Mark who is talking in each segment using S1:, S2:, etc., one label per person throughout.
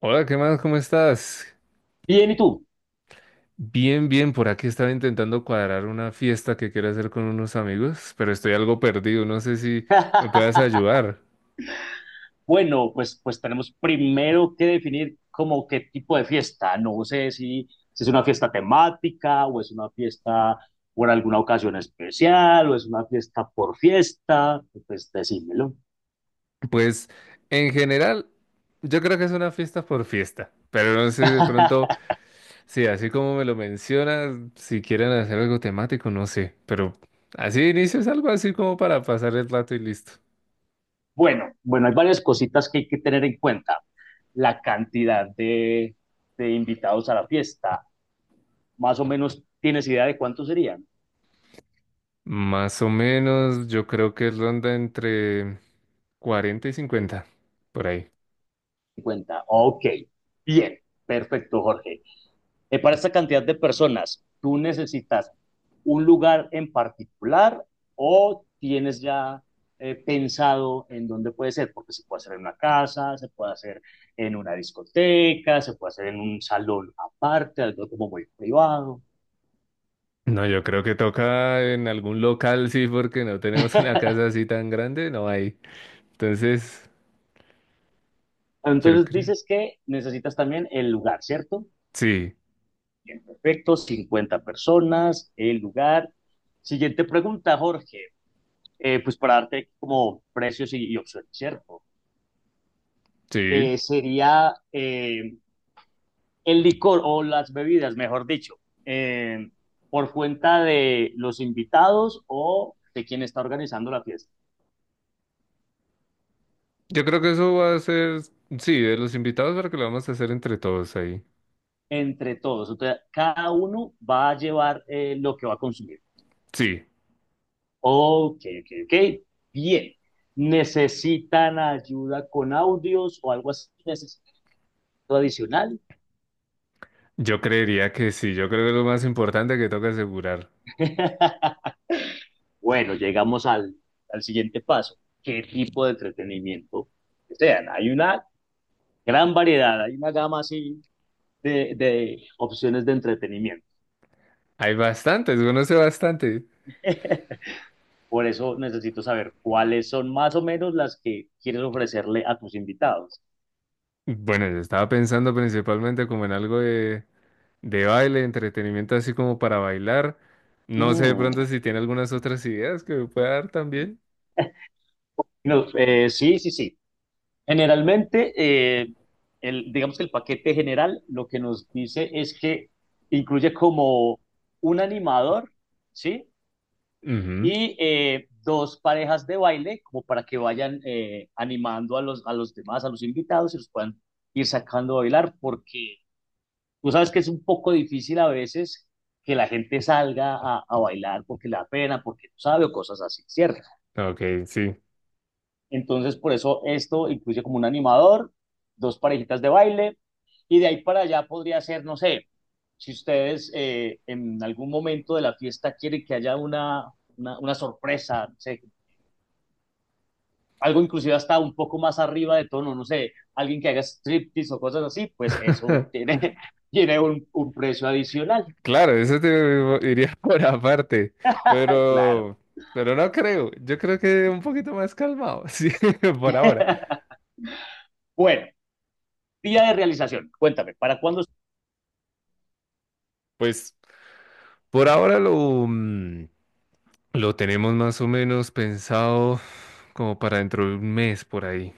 S1: Hola, ¿qué más? ¿Cómo estás?
S2: Bien, ¿y tú?
S1: Bien, bien, por aquí estaba intentando cuadrar una fiesta que quiero hacer con unos amigos, pero estoy algo perdido, no sé si me puedas ayudar.
S2: Bueno, pues tenemos primero que definir como qué tipo de fiesta. No sé si es una fiesta temática o es una fiesta por alguna ocasión especial o es una fiesta por fiesta. Pues decímelo.
S1: Pues, en general, yo creo que es una fiesta por fiesta, pero no sé de pronto, sí, así como me lo mencionas, si quieren hacer algo temático, no sé, pero así de inicio es algo así como para pasar el rato y listo.
S2: Bueno, bueno, hay varias cositas que hay que tener en cuenta. La cantidad de invitados a la fiesta. Más o menos, ¿tienes idea de cuántos serían?
S1: Más o menos, yo creo que ronda entre 40 y 50, por ahí.
S2: 50. Ok, bien, perfecto, Jorge. Para esta cantidad de personas, ¿tú necesitas un lugar en particular o tienes ya pensado en dónde puede ser? Porque se puede hacer en una casa, se puede hacer en una discoteca, se puede hacer en un salón aparte, algo como muy privado.
S1: No, yo creo que toca en algún local, sí, porque no tenemos una casa así tan grande, no hay. Entonces, yo
S2: Entonces
S1: creo.
S2: dices que necesitas también el lugar, ¿cierto?
S1: Sí,
S2: Bien, perfecto, 50 personas, el lugar. Siguiente pregunta, Jorge. Pues para darte como precios y opciones, ¿cierto?
S1: sí.
S2: Sería el licor o las bebidas, mejor dicho, eh, por cuenta de los invitados o de quien está organizando la fiesta,
S1: Yo creo que eso va a ser, sí, de los invitados para que lo vamos a hacer entre todos ahí.
S2: entre todos. Entonces, cada uno va a llevar lo que va a consumir.
S1: Sí,
S2: Ok, ok, ok. Bien. ¿Necesitan ayuda con audios o algo así? ¿Necesitan algo adicional?
S1: yo creería que sí, yo creo que es lo más importante que toca asegurar.
S2: Bueno, llegamos al siguiente paso. ¿Qué tipo de entretenimiento desean? Hay una gran variedad, hay una gama así de opciones de entretenimiento.
S1: Hay bastantes, conoce bastante.
S2: Por eso necesito saber cuáles son más o menos las que quieres ofrecerle a tus invitados.
S1: Bueno, yo estaba pensando principalmente como en algo de baile, entretenimiento así como para bailar. No sé de
S2: Mm,
S1: pronto si
S2: ok.
S1: tiene algunas otras ideas que me pueda dar también.
S2: No, sí, sí, sí. Generalmente, digamos que el paquete general lo que nos dice es que incluye como un animador, ¿sí?
S1: Ujú.
S2: Y dos parejas de baile como para que vayan animando a los demás, a los invitados y los puedan ir sacando a bailar porque tú sabes que es un poco difícil a veces que la gente salga a bailar porque le da pena, porque no sabe o cosas así, ¿cierto?
S1: Ok, sí.
S2: Entonces por eso esto incluye como un animador, dos parejitas de baile y de ahí para allá podría ser, no sé, si ustedes en algún momento de la fiesta quieren que haya una sorpresa, no sé, algo inclusive hasta un poco más arriba de tono, no sé, alguien que haga striptease o cosas así, pues eso tiene, tiene un precio adicional.
S1: Claro, eso te iría por aparte,
S2: Claro.
S1: pero, pero no creo. Yo creo que un poquito más calmado, sí, por ahora.
S2: Bueno, día de realización, cuéntame, ¿para cuándo?
S1: Pues por ahora mm, lo tenemos más o menos pensado como para dentro de un mes por ahí.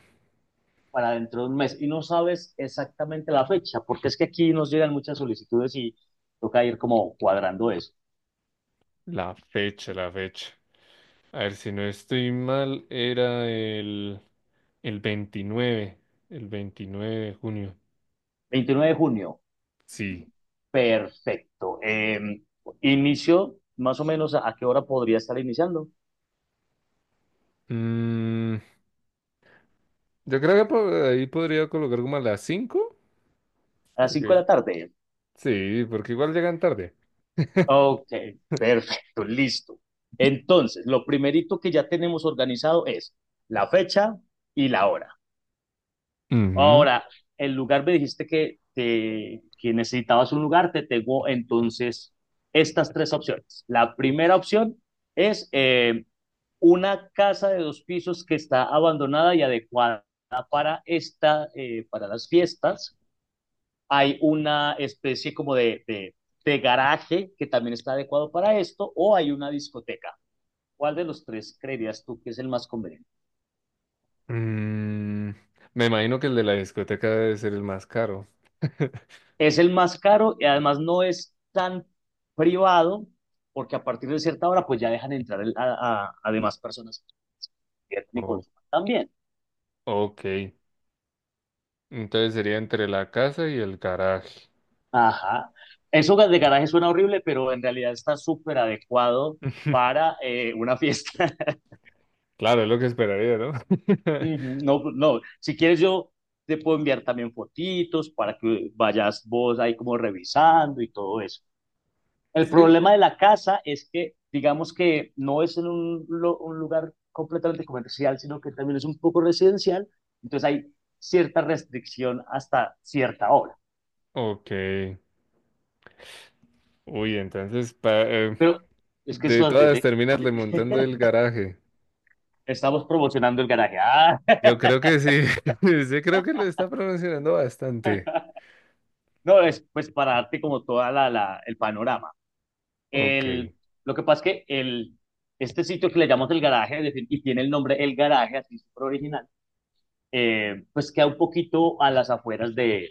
S2: Para dentro de un mes. Y no sabes exactamente la fecha, porque es que aquí nos llegan muchas solicitudes y toca ir como cuadrando eso.
S1: La fecha, la fecha. A ver, si no estoy mal, era el 29, el 29 de junio.
S2: 29 de junio,
S1: Sí.
S2: perfecto. Inicio, más o menos, ¿a qué hora podría estar iniciando?
S1: Mm, Yo creo que por ahí podría colocar como a las 5,
S2: A las cinco de
S1: porque
S2: la tarde.
S1: sí, porque igual llegan tarde.
S2: Ok, perfecto, listo. Entonces, lo primerito que ya tenemos organizado es la fecha y la hora.
S1: Ujú.
S2: Ahora, el lugar me dijiste que necesitabas un lugar, te tengo entonces estas tres opciones. La primera opción es una casa de dos pisos que está abandonada y adecuada para las fiestas. Hay una especie como de garaje que también está adecuado para esto, o hay una discoteca. ¿Cuál de los tres creerías tú que es el más conveniente?
S1: Mm, Me imagino que el de la discoteca debe ser el más caro.
S2: Es el más caro y además no es tan privado, porque a partir de cierta hora pues ya dejan entrar a demás personas y
S1: O-
S2: consuman también.
S1: ok, entonces sería entre la casa y el garaje.
S2: Ajá. Eso de garaje suena horrible, pero en realidad está súper adecuado para una fiesta.
S1: Claro, es lo que esperaría, ¿no?
S2: Ujú, no, pues, no, si quieres yo te puedo enviar también fotitos para que vayas vos ahí como revisando y todo eso. El
S1: Sí,
S2: problema de la casa es que, digamos que no es en un lugar completamente comercial, sino que también es un poco residencial, entonces hay cierta restricción hasta cierta hora.
S1: ok. Uy, entonces,
S2: Pero es que eso
S1: de todas
S2: depende.
S1: terminas remontando el garaje.
S2: Estamos promocionando el garaje. Ah,
S1: Yo creo que sí, sí creo que lo está pronunciando bastante.
S2: no, es pues para darte como toda el panorama.
S1: Ok.
S2: El, lo que pasa es que este sitio que le llamamos el garaje, es decir, y tiene el nombre El Garaje, así súper original, pues queda un poquito a las afueras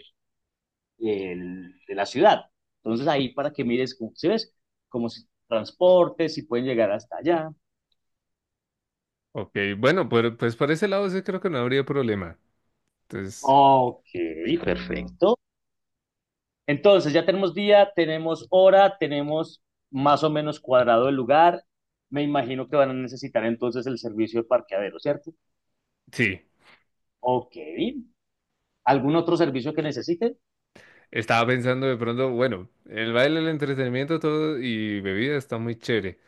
S2: el de la ciudad. Entonces ahí para que mires, si ves, como si transportes, si pueden llegar hasta allá.
S1: Ok, bueno, pues por ese lado sí creo que no habría problema. Entonces,
S2: Ok, perfecto. Perfecto. Entonces ya tenemos día, tenemos hora, tenemos más o menos cuadrado el lugar. Me imagino que van a necesitar entonces el servicio de parqueadero, ¿cierto?
S1: sí,
S2: Ok. ¿Algún otro servicio que necesiten?
S1: estaba pensando de pronto, bueno, el baile, el entretenimiento, todo y bebida está muy chévere,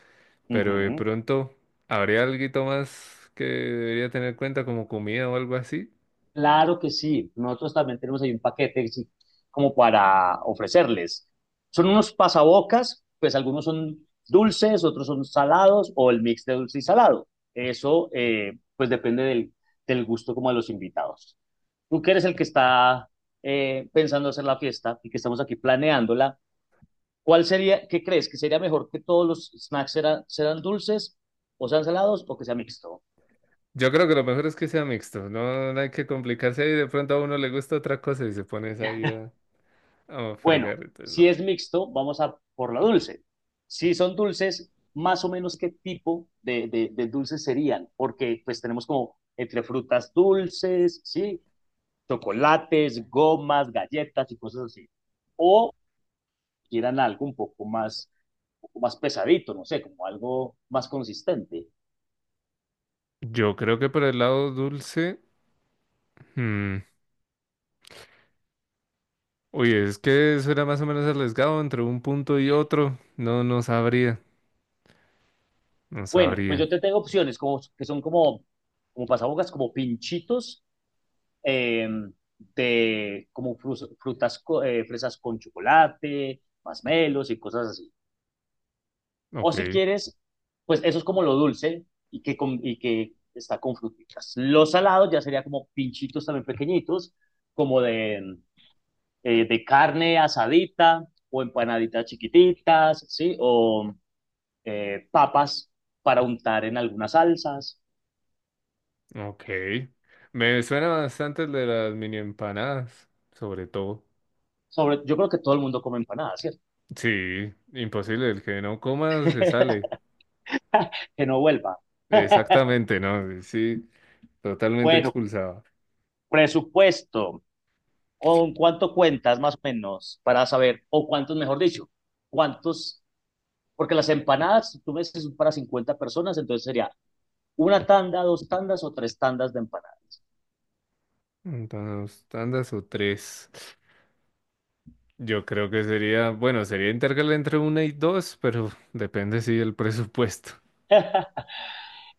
S1: pero de
S2: Ujú.
S1: pronto habría algo más que debería tener en cuenta como comida o algo así.
S2: Claro que sí. Nosotros también tenemos ahí un paquete sí, como para ofrecerles. Son unos pasabocas, pues algunos son dulces, otros son salados o el mix de dulce y salado. Eso pues depende del gusto como de los invitados. Tú que eres el que está pensando hacer la fiesta y que estamos aquí planeándola, ¿cuál sería, qué crees? ¿Que sería mejor que todos los snacks serán dulces o sean salados o que sea mixto?
S1: Yo creo que lo mejor es que sea mixto, no, no hay que complicarse ahí, de pronto a uno le gusta otra cosa y se pones ahí a
S2: Bueno,
S1: fregar, entonces
S2: si
S1: no.
S2: es mixto, vamos a por la dulce. Si son dulces, más o menos qué tipo de dulces serían, porque pues tenemos como entre frutas dulces, ¿sí? Chocolates, gomas, galletas y cosas así. O quieran algo un poco más pesadito, no sé, como algo más consistente.
S1: Yo creo que por el lado dulce. hmm, Uy, es que eso era más o menos arriesgado entre un punto y otro. No, no sabría. No
S2: Bueno, pues
S1: sabría.
S2: yo te tengo opciones como pasabocas, como pinchitos eh, de como frutas, fresas con chocolate, masmelos y cosas así. O
S1: Ok,
S2: si quieres, pues eso es como lo dulce y que está con fruticas. Los salados ya sería como pinchitos también pequeñitos, como de carne asadita o empanaditas chiquititas, ¿sí? O papas para untar en algunas salsas.
S1: ok. Me suena bastante el de las mini empanadas, sobre todo.
S2: Sobre, yo creo que todo el mundo come empanadas, ¿cierto?
S1: Sí, imposible. El que no coma se sale.
S2: Que no vuelva.
S1: Exactamente, ¿no? Sí, totalmente
S2: Bueno,
S1: expulsado.
S2: presupuesto, ¿con cuánto cuentas más o menos para saber, o cuántos, mejor dicho, cuántos, porque las empanadas, si tú me dices son para 50 personas, entonces sería una tanda, dos tandas o tres tandas de empanadas.
S1: Entonces, tandas o tres. Yo creo que sería, bueno, sería intercalar entre una y dos, pero depende, si sí, del presupuesto.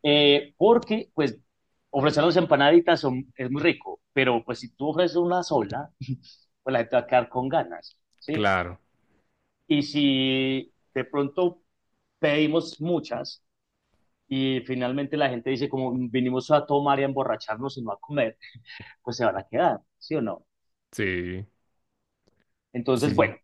S2: Porque, pues, ofrecer las empanaditas es muy rico, pero pues si tú ofreces una sola, pues la gente va a quedar con ganas, ¿sí?
S1: Claro,
S2: Y si de pronto pedimos muchas y finalmente la gente dice como vinimos a tomar y a emborracharnos y no a comer, pues se van a quedar, ¿sí o no?
S1: sí.
S2: Entonces,
S1: Sí,
S2: bueno,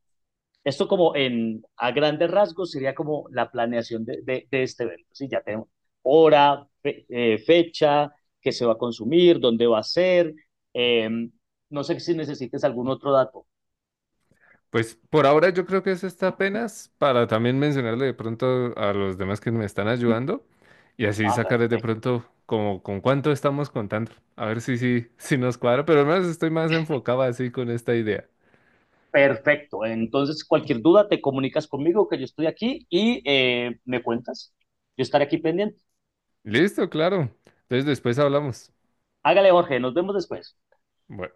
S2: esto como a grandes rasgos sería como la planeación de este evento, ¿sí? Ya tenemos hora, fecha, qué se va a consumir, dónde va a ser. Eh, no sé si necesites algún otro dato.
S1: pues por ahora yo creo que eso está apenas para también mencionarle de pronto a los demás que me están ayudando y así
S2: Ah,
S1: sacarles de
S2: perfecto.
S1: pronto como con cuánto estamos contando. A ver si nos cuadra, pero al menos estoy más enfocado así con esta idea.
S2: Perfecto. Entonces, cualquier duda, te comunicas conmigo, que yo estoy aquí y me cuentas. Yo estaré aquí pendiente.
S1: Listo, claro. Entonces después hablamos.
S2: Hágale, Jorge, nos vemos después.
S1: Bueno.